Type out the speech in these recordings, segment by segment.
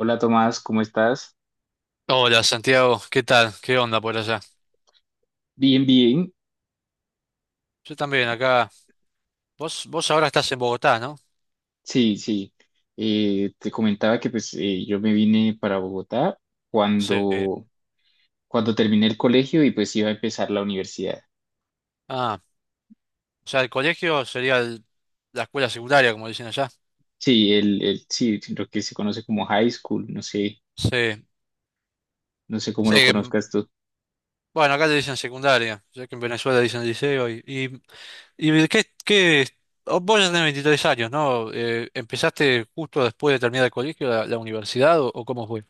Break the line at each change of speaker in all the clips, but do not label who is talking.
Hola Tomás, ¿cómo estás?
Hola Santiago, ¿qué tal? ¿Qué onda por allá?
Bien, bien.
Yo también acá. Vos ahora estás en Bogotá, ¿no?
Sí, sí. Te comentaba que pues yo me vine para Bogotá
Sí.
cuando, cuando terminé el colegio y pues iba a empezar la universidad.
Ah, o sea, el colegio sería la escuela secundaria, como dicen allá.
Sí, sí, lo que se conoce como high school, no sé,
Sí.
no sé cómo
Sí,
lo conozcas tú.
bueno, acá le dicen secundaria, ya que en Venezuela dicen liceo. ¿Y vos ya tenés 23 años, ¿no? ¿Empezaste justo después de terminar el colegio, la universidad, o cómo fue?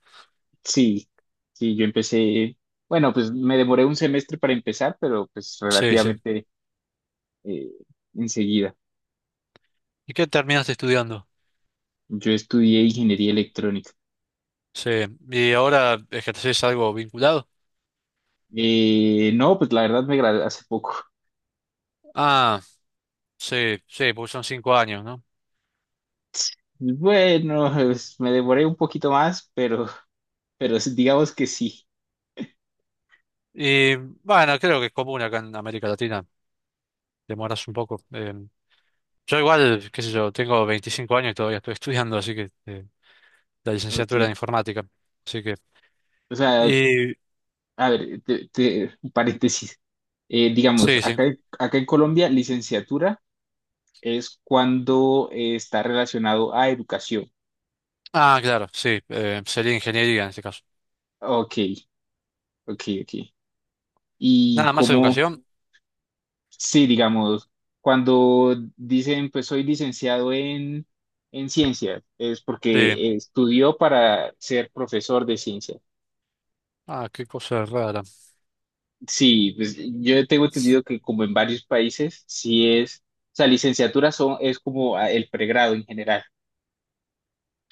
Sí, sí, yo empecé, bueno, pues me demoré un semestre para empezar, pero pues
Sí, sí.
relativamente eh, enseguida.
¿Y qué terminaste estudiando?
Yo estudié ingeniería electrónica.
Sí. ¿Y ahora ejercés algo vinculado?
No, pues la verdad me gradué hace poco.
Ah. Sí, sí, porque son 5 años, ¿no?
Bueno, me devoré un poquito más, pero, pero digamos que sí.
Y bueno, creo que es común acá en América Latina, demoras un poco. Yo igual, qué sé yo, tengo 25 años y todavía estoy estudiando, así que la licenciatura de
Ok.
informática. Así que...
O sea,
Y
a ver, un paréntesis. Digamos,
sí, sí.
acá en Colombia, licenciatura es cuando está relacionado a educación.
Ah, claro, sí, sería ingeniería en este caso.
Ok, ok, ok. Y
Nada más
como,
educación,
sí, digamos, cuando dicen, pues soy licenciado en ciencias, es
sí.
porque estudió para ser profesor de ciencias.
Ah, qué cosa rara.
Sí, pues yo tengo entendido que como en varios países, sí es, o sea, licenciatura es como ah, el pregrado en general.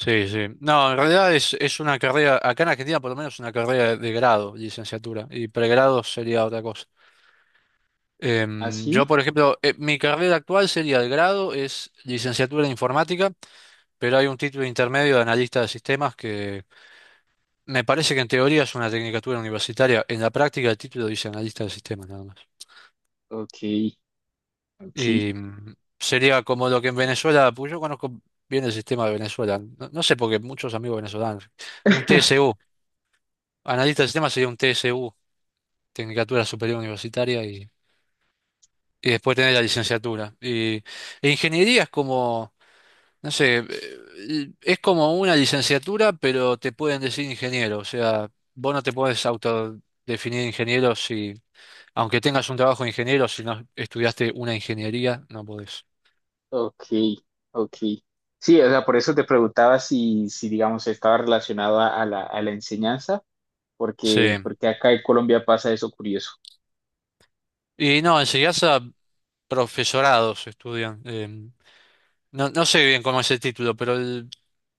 Sí, sí. No, en realidad es una carrera, acá en Argentina por lo menos una carrera de grado, licenciatura, y pregrado sería otra cosa.
¿Ah,
Yo,
sí?
por ejemplo, mi carrera actual sería el grado, es licenciatura en informática, pero hay un título intermedio de analista de sistemas que me parece que en teoría es una tecnicatura universitaria, en la práctica el título dice analista de sistemas nada más.
Ok, ok,
Y sería como lo que en Venezuela, pues yo conozco bien el sistema de Venezuela, no, no sé porque muchos amigos venezolanos, un TSU, analista de sistemas sería un TSU, tecnicatura superior universitaria y después tener la licenciatura. E ingeniería es como no sé, es como una licenciatura, pero te pueden decir ingeniero. O sea, vos no te puedes autodefinir ingeniero si, aunque tengas un trabajo de ingeniero, si no estudiaste una ingeniería, no podés.
ok, ok. Sí, o sea, por eso te preguntaba si digamos, estaba relacionado a, a la enseñanza,
Sí.
porque acá en Colombia pasa eso curioso.
Y no, en a profesorados estudian. No, no sé bien cómo es el título, pero el,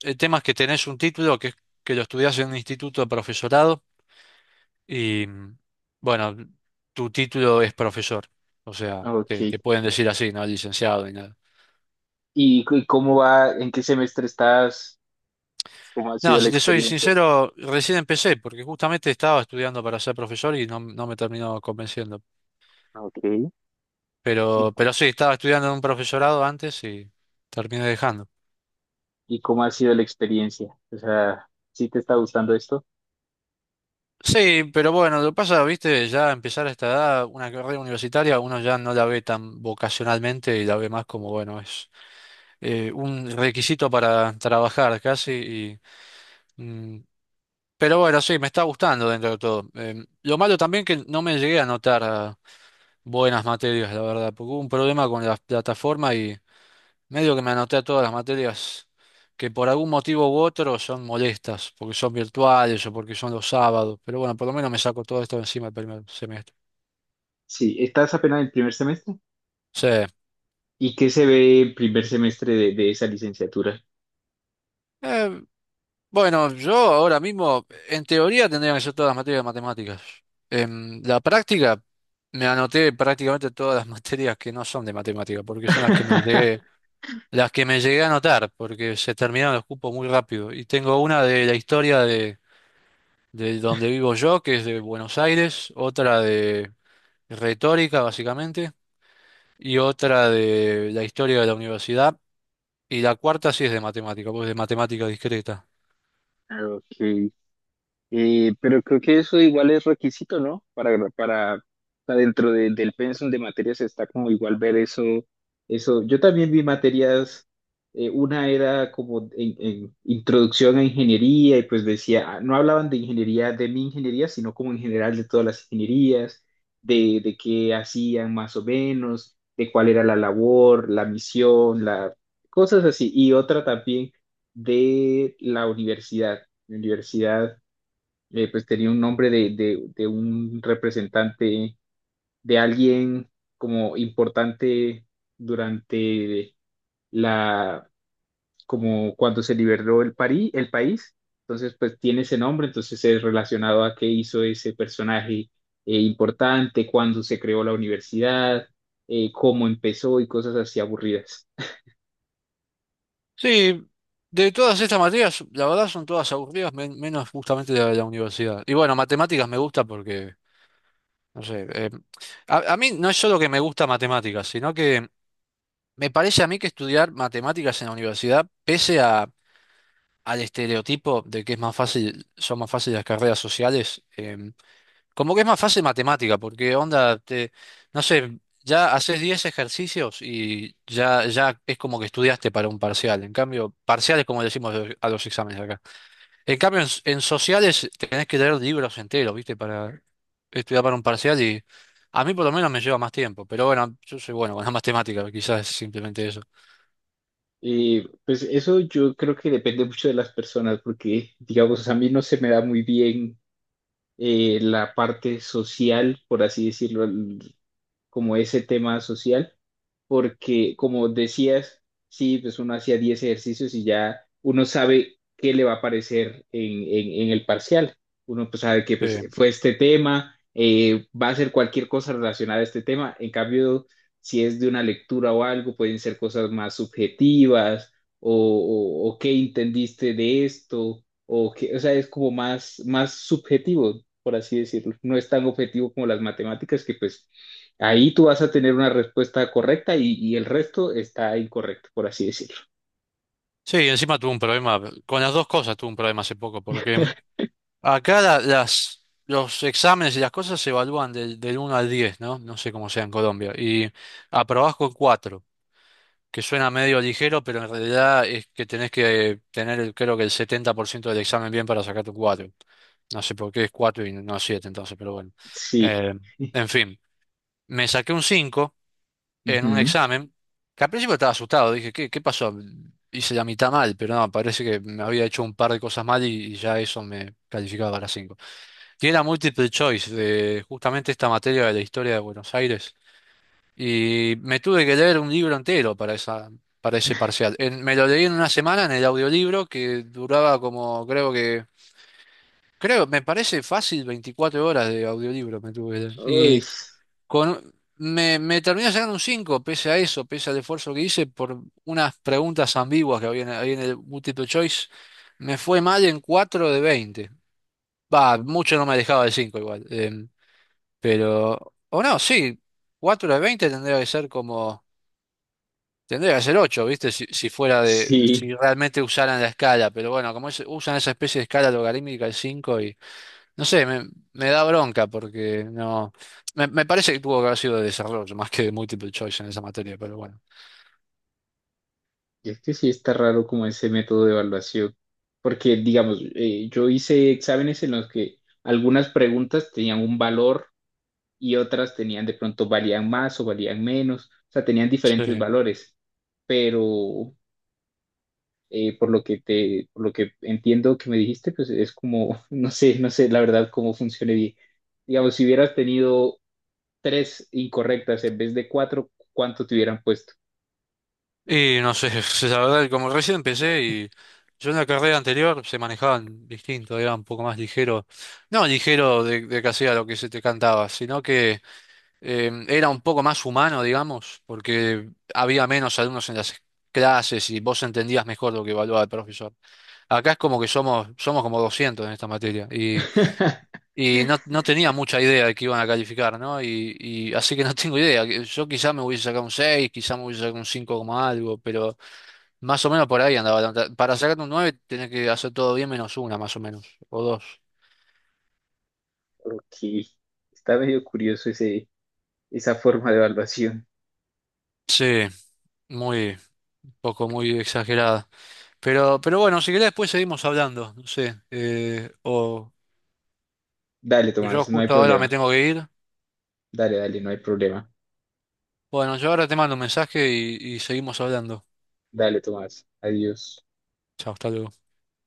el tema es que tenés un título es que lo estudiás en un instituto de profesorado. Y bueno, tu título es profesor, o sea, te,
Ok.
te pueden decir así, no licenciado ni nada.
¿Y cómo va, en qué semestre estás? ¿Cómo ha
No,
sido la
si te soy
experiencia?
sincero, recién empecé, porque justamente estaba estudiando para ser profesor y no, no me terminó convenciendo.
Ok. ¿Y,
Pero sí, estaba estudiando en un profesorado antes y terminé dejando.
y cómo ha sido la experiencia? O sea, ¿sí te está gustando esto?
Sí, pero bueno, lo que pasa, viste, ya empezar a esta edad, una carrera universitaria, uno ya no la ve tan vocacionalmente y la ve más como, bueno, es un requisito para trabajar casi y pero bueno, sí, me está gustando dentro de todo. Lo malo también que no me llegué a anotar a buenas materias, la verdad, porque hubo un problema con la plataforma y medio que me anoté a todas las materias que por algún motivo u otro son molestas, porque son virtuales o porque son los sábados. Pero bueno, por lo menos me saco todo esto de encima el primer semestre.
Sí, estás apenas en el primer semestre.
Sí.
¿Y qué se ve el primer semestre de esa licenciatura?
Eh, bueno, yo ahora mismo, en teoría, tendría que ser todas las materias de matemáticas. En la práctica, me anoté prácticamente todas las materias que no son de matemática, porque son las que me llegué las que me llegué a anotar, porque se terminaron los cupos muy rápido. Y tengo una de la historia de donde vivo yo, que es de Buenos Aires, otra de retórica, básicamente, y otra de la historia de la universidad, y la cuarta sí es de matemática, pues de matemática discreta.
Ok. Pero creo que eso igual es requisito, ¿no? O sea, dentro del pensum de materias está como igual ver eso, eso. Yo también vi materias, una era como en introducción a ingeniería y pues decía, ah, no hablaban de ingeniería, de mi ingeniería, sino como en general de todas las ingenierías, de qué hacían más o menos, de cuál era la labor, la misión, cosas así. Y otra también de la universidad. La universidad pues tenía un nombre de un representante, de alguien como importante durante la, como cuando se liberó París, el país, entonces pues tiene ese nombre, entonces es relacionado a qué hizo ese personaje importante, cuándo se creó la universidad, cómo empezó y cosas así aburridas.
Sí, de todas estas materias, la verdad son todas aburridas, menos justamente la de la universidad. Y bueno, matemáticas me gusta porque, no sé, a mí no es solo que me gusta matemáticas, sino que me parece a mí que estudiar matemáticas en la universidad, pese a, al estereotipo de que es más fácil, son más fáciles las carreras sociales, como que es más fácil matemática, porque onda, no sé, ya haces 10 ejercicios y ya es como que estudiaste para un parcial. En cambio, parciales como le decimos a los exámenes acá. En cambio, en sociales tenés que leer libros enteros, ¿viste? Para estudiar para un parcial y a mí por lo menos me lleva más tiempo. Pero bueno, yo soy bueno con las matemáticas, quizás es simplemente eso.
Pues eso yo creo que depende mucho de las personas, porque digamos, a mí no se me da muy bien la parte social, por así decirlo, como ese tema social porque como decías, sí, pues uno hacía 10 ejercicios y ya uno sabe qué le va a aparecer en el parcial. Uno pues sabe que pues,
Sí.
fue este tema, va a ser cualquier cosa relacionada a este tema. En cambio, si es de una lectura o algo, pueden ser cosas más subjetivas o qué entendiste de esto, o, qué, o sea, es como más, más subjetivo, por así decirlo. No es tan objetivo como las matemáticas que pues ahí tú vas a tener una respuesta correcta y el resto está incorrecto, por así decirlo.
Sí, encima tuve un problema, con las dos cosas tuve un problema hace poco, porque acá las, los exámenes y las cosas se evalúan del 1 al 10, ¿no? No sé cómo sea en Colombia. Y aprobás con 4, que suena medio ligero, pero en realidad es que tenés que tener, creo que el 70% del examen bien para sacar tu 4. No sé por qué es 4 y no 7, entonces, pero bueno.
Sí.
Eh, en fin, me saqué un 5 en un
Ujú.
examen, que al principio estaba asustado, dije, ¿qué pasó? Hice la mitad mal, pero no, parece que me había hecho un par de cosas mal y ya eso me calificaba para 5. Tiene la multiple choice de justamente esta materia de la historia de Buenos Aires. Y me tuve que leer un libro entero para ese parcial. Me lo leí en una semana en el audiolibro que duraba como, creo, me parece fácil 24 horas de audiolibro me tuve que leer.
Uy,
Y me terminé sacando un 5 pese a eso, pese al esfuerzo que hice por unas preguntas ambiguas que había en el multiple choice. Me fue mal en 4 de 20. Va, mucho no me dejaba de 5 igual. Pero, o no, sí, 4 de 20 tendría que ser ocho, ¿viste? Si
sí.
si realmente usaran la escala, pero bueno, como usan esa especie de escala logarítmica el 5 y, no sé, me da bronca porque no, me parece que tuvo que haber sido de desarrollo más que de multiple choice en esa materia, pero bueno.
Es que sí está raro como ese método de evaluación. Porque, digamos, yo hice exámenes en los que algunas preguntas tenían un valor y otras tenían de pronto valían más o valían menos. O sea, tenían diferentes
Sí.
valores. Pero por lo que entiendo que me dijiste, pues es como, no sé, no sé la verdad cómo funciona bien. Digamos, si hubieras tenido tres incorrectas en vez de cuatro, ¿cuánto te hubieran puesto?
Y no sé, la verdad, como recién empecé y yo en la carrera anterior se manejaban distinto, era un poco más ligero, no ligero de que hacía lo que se te cantaba, sino que era un poco más humano, digamos, porque había menos alumnos en las clases y vos entendías mejor lo que evaluaba el profesor. Acá es como que somos como 200 en esta materia y, y no, no tenía mucha idea de que iban a calificar, ¿no? Y así que no tengo idea. Yo quizá me hubiese sacado un 6, quizá me hubiese sacado un 5 como algo, pero más o menos por ahí andaba. La nota. Para sacar un 9 tenés que hacer todo bien menos una, más o menos, o dos.
Ok, está medio curioso esa forma de evaluación.
Sí, muy poco, muy exagerada. Pero bueno, si querés después seguimos hablando, no sé. O
Dale,
Yo
Tomás, no hay
justo ahora me
problema.
tengo que ir.
Dale, dale, no hay problema.
Bueno, yo ahora te mando un mensaje y seguimos hablando.
Dale, Tomás, adiós.
Chao, hasta luego.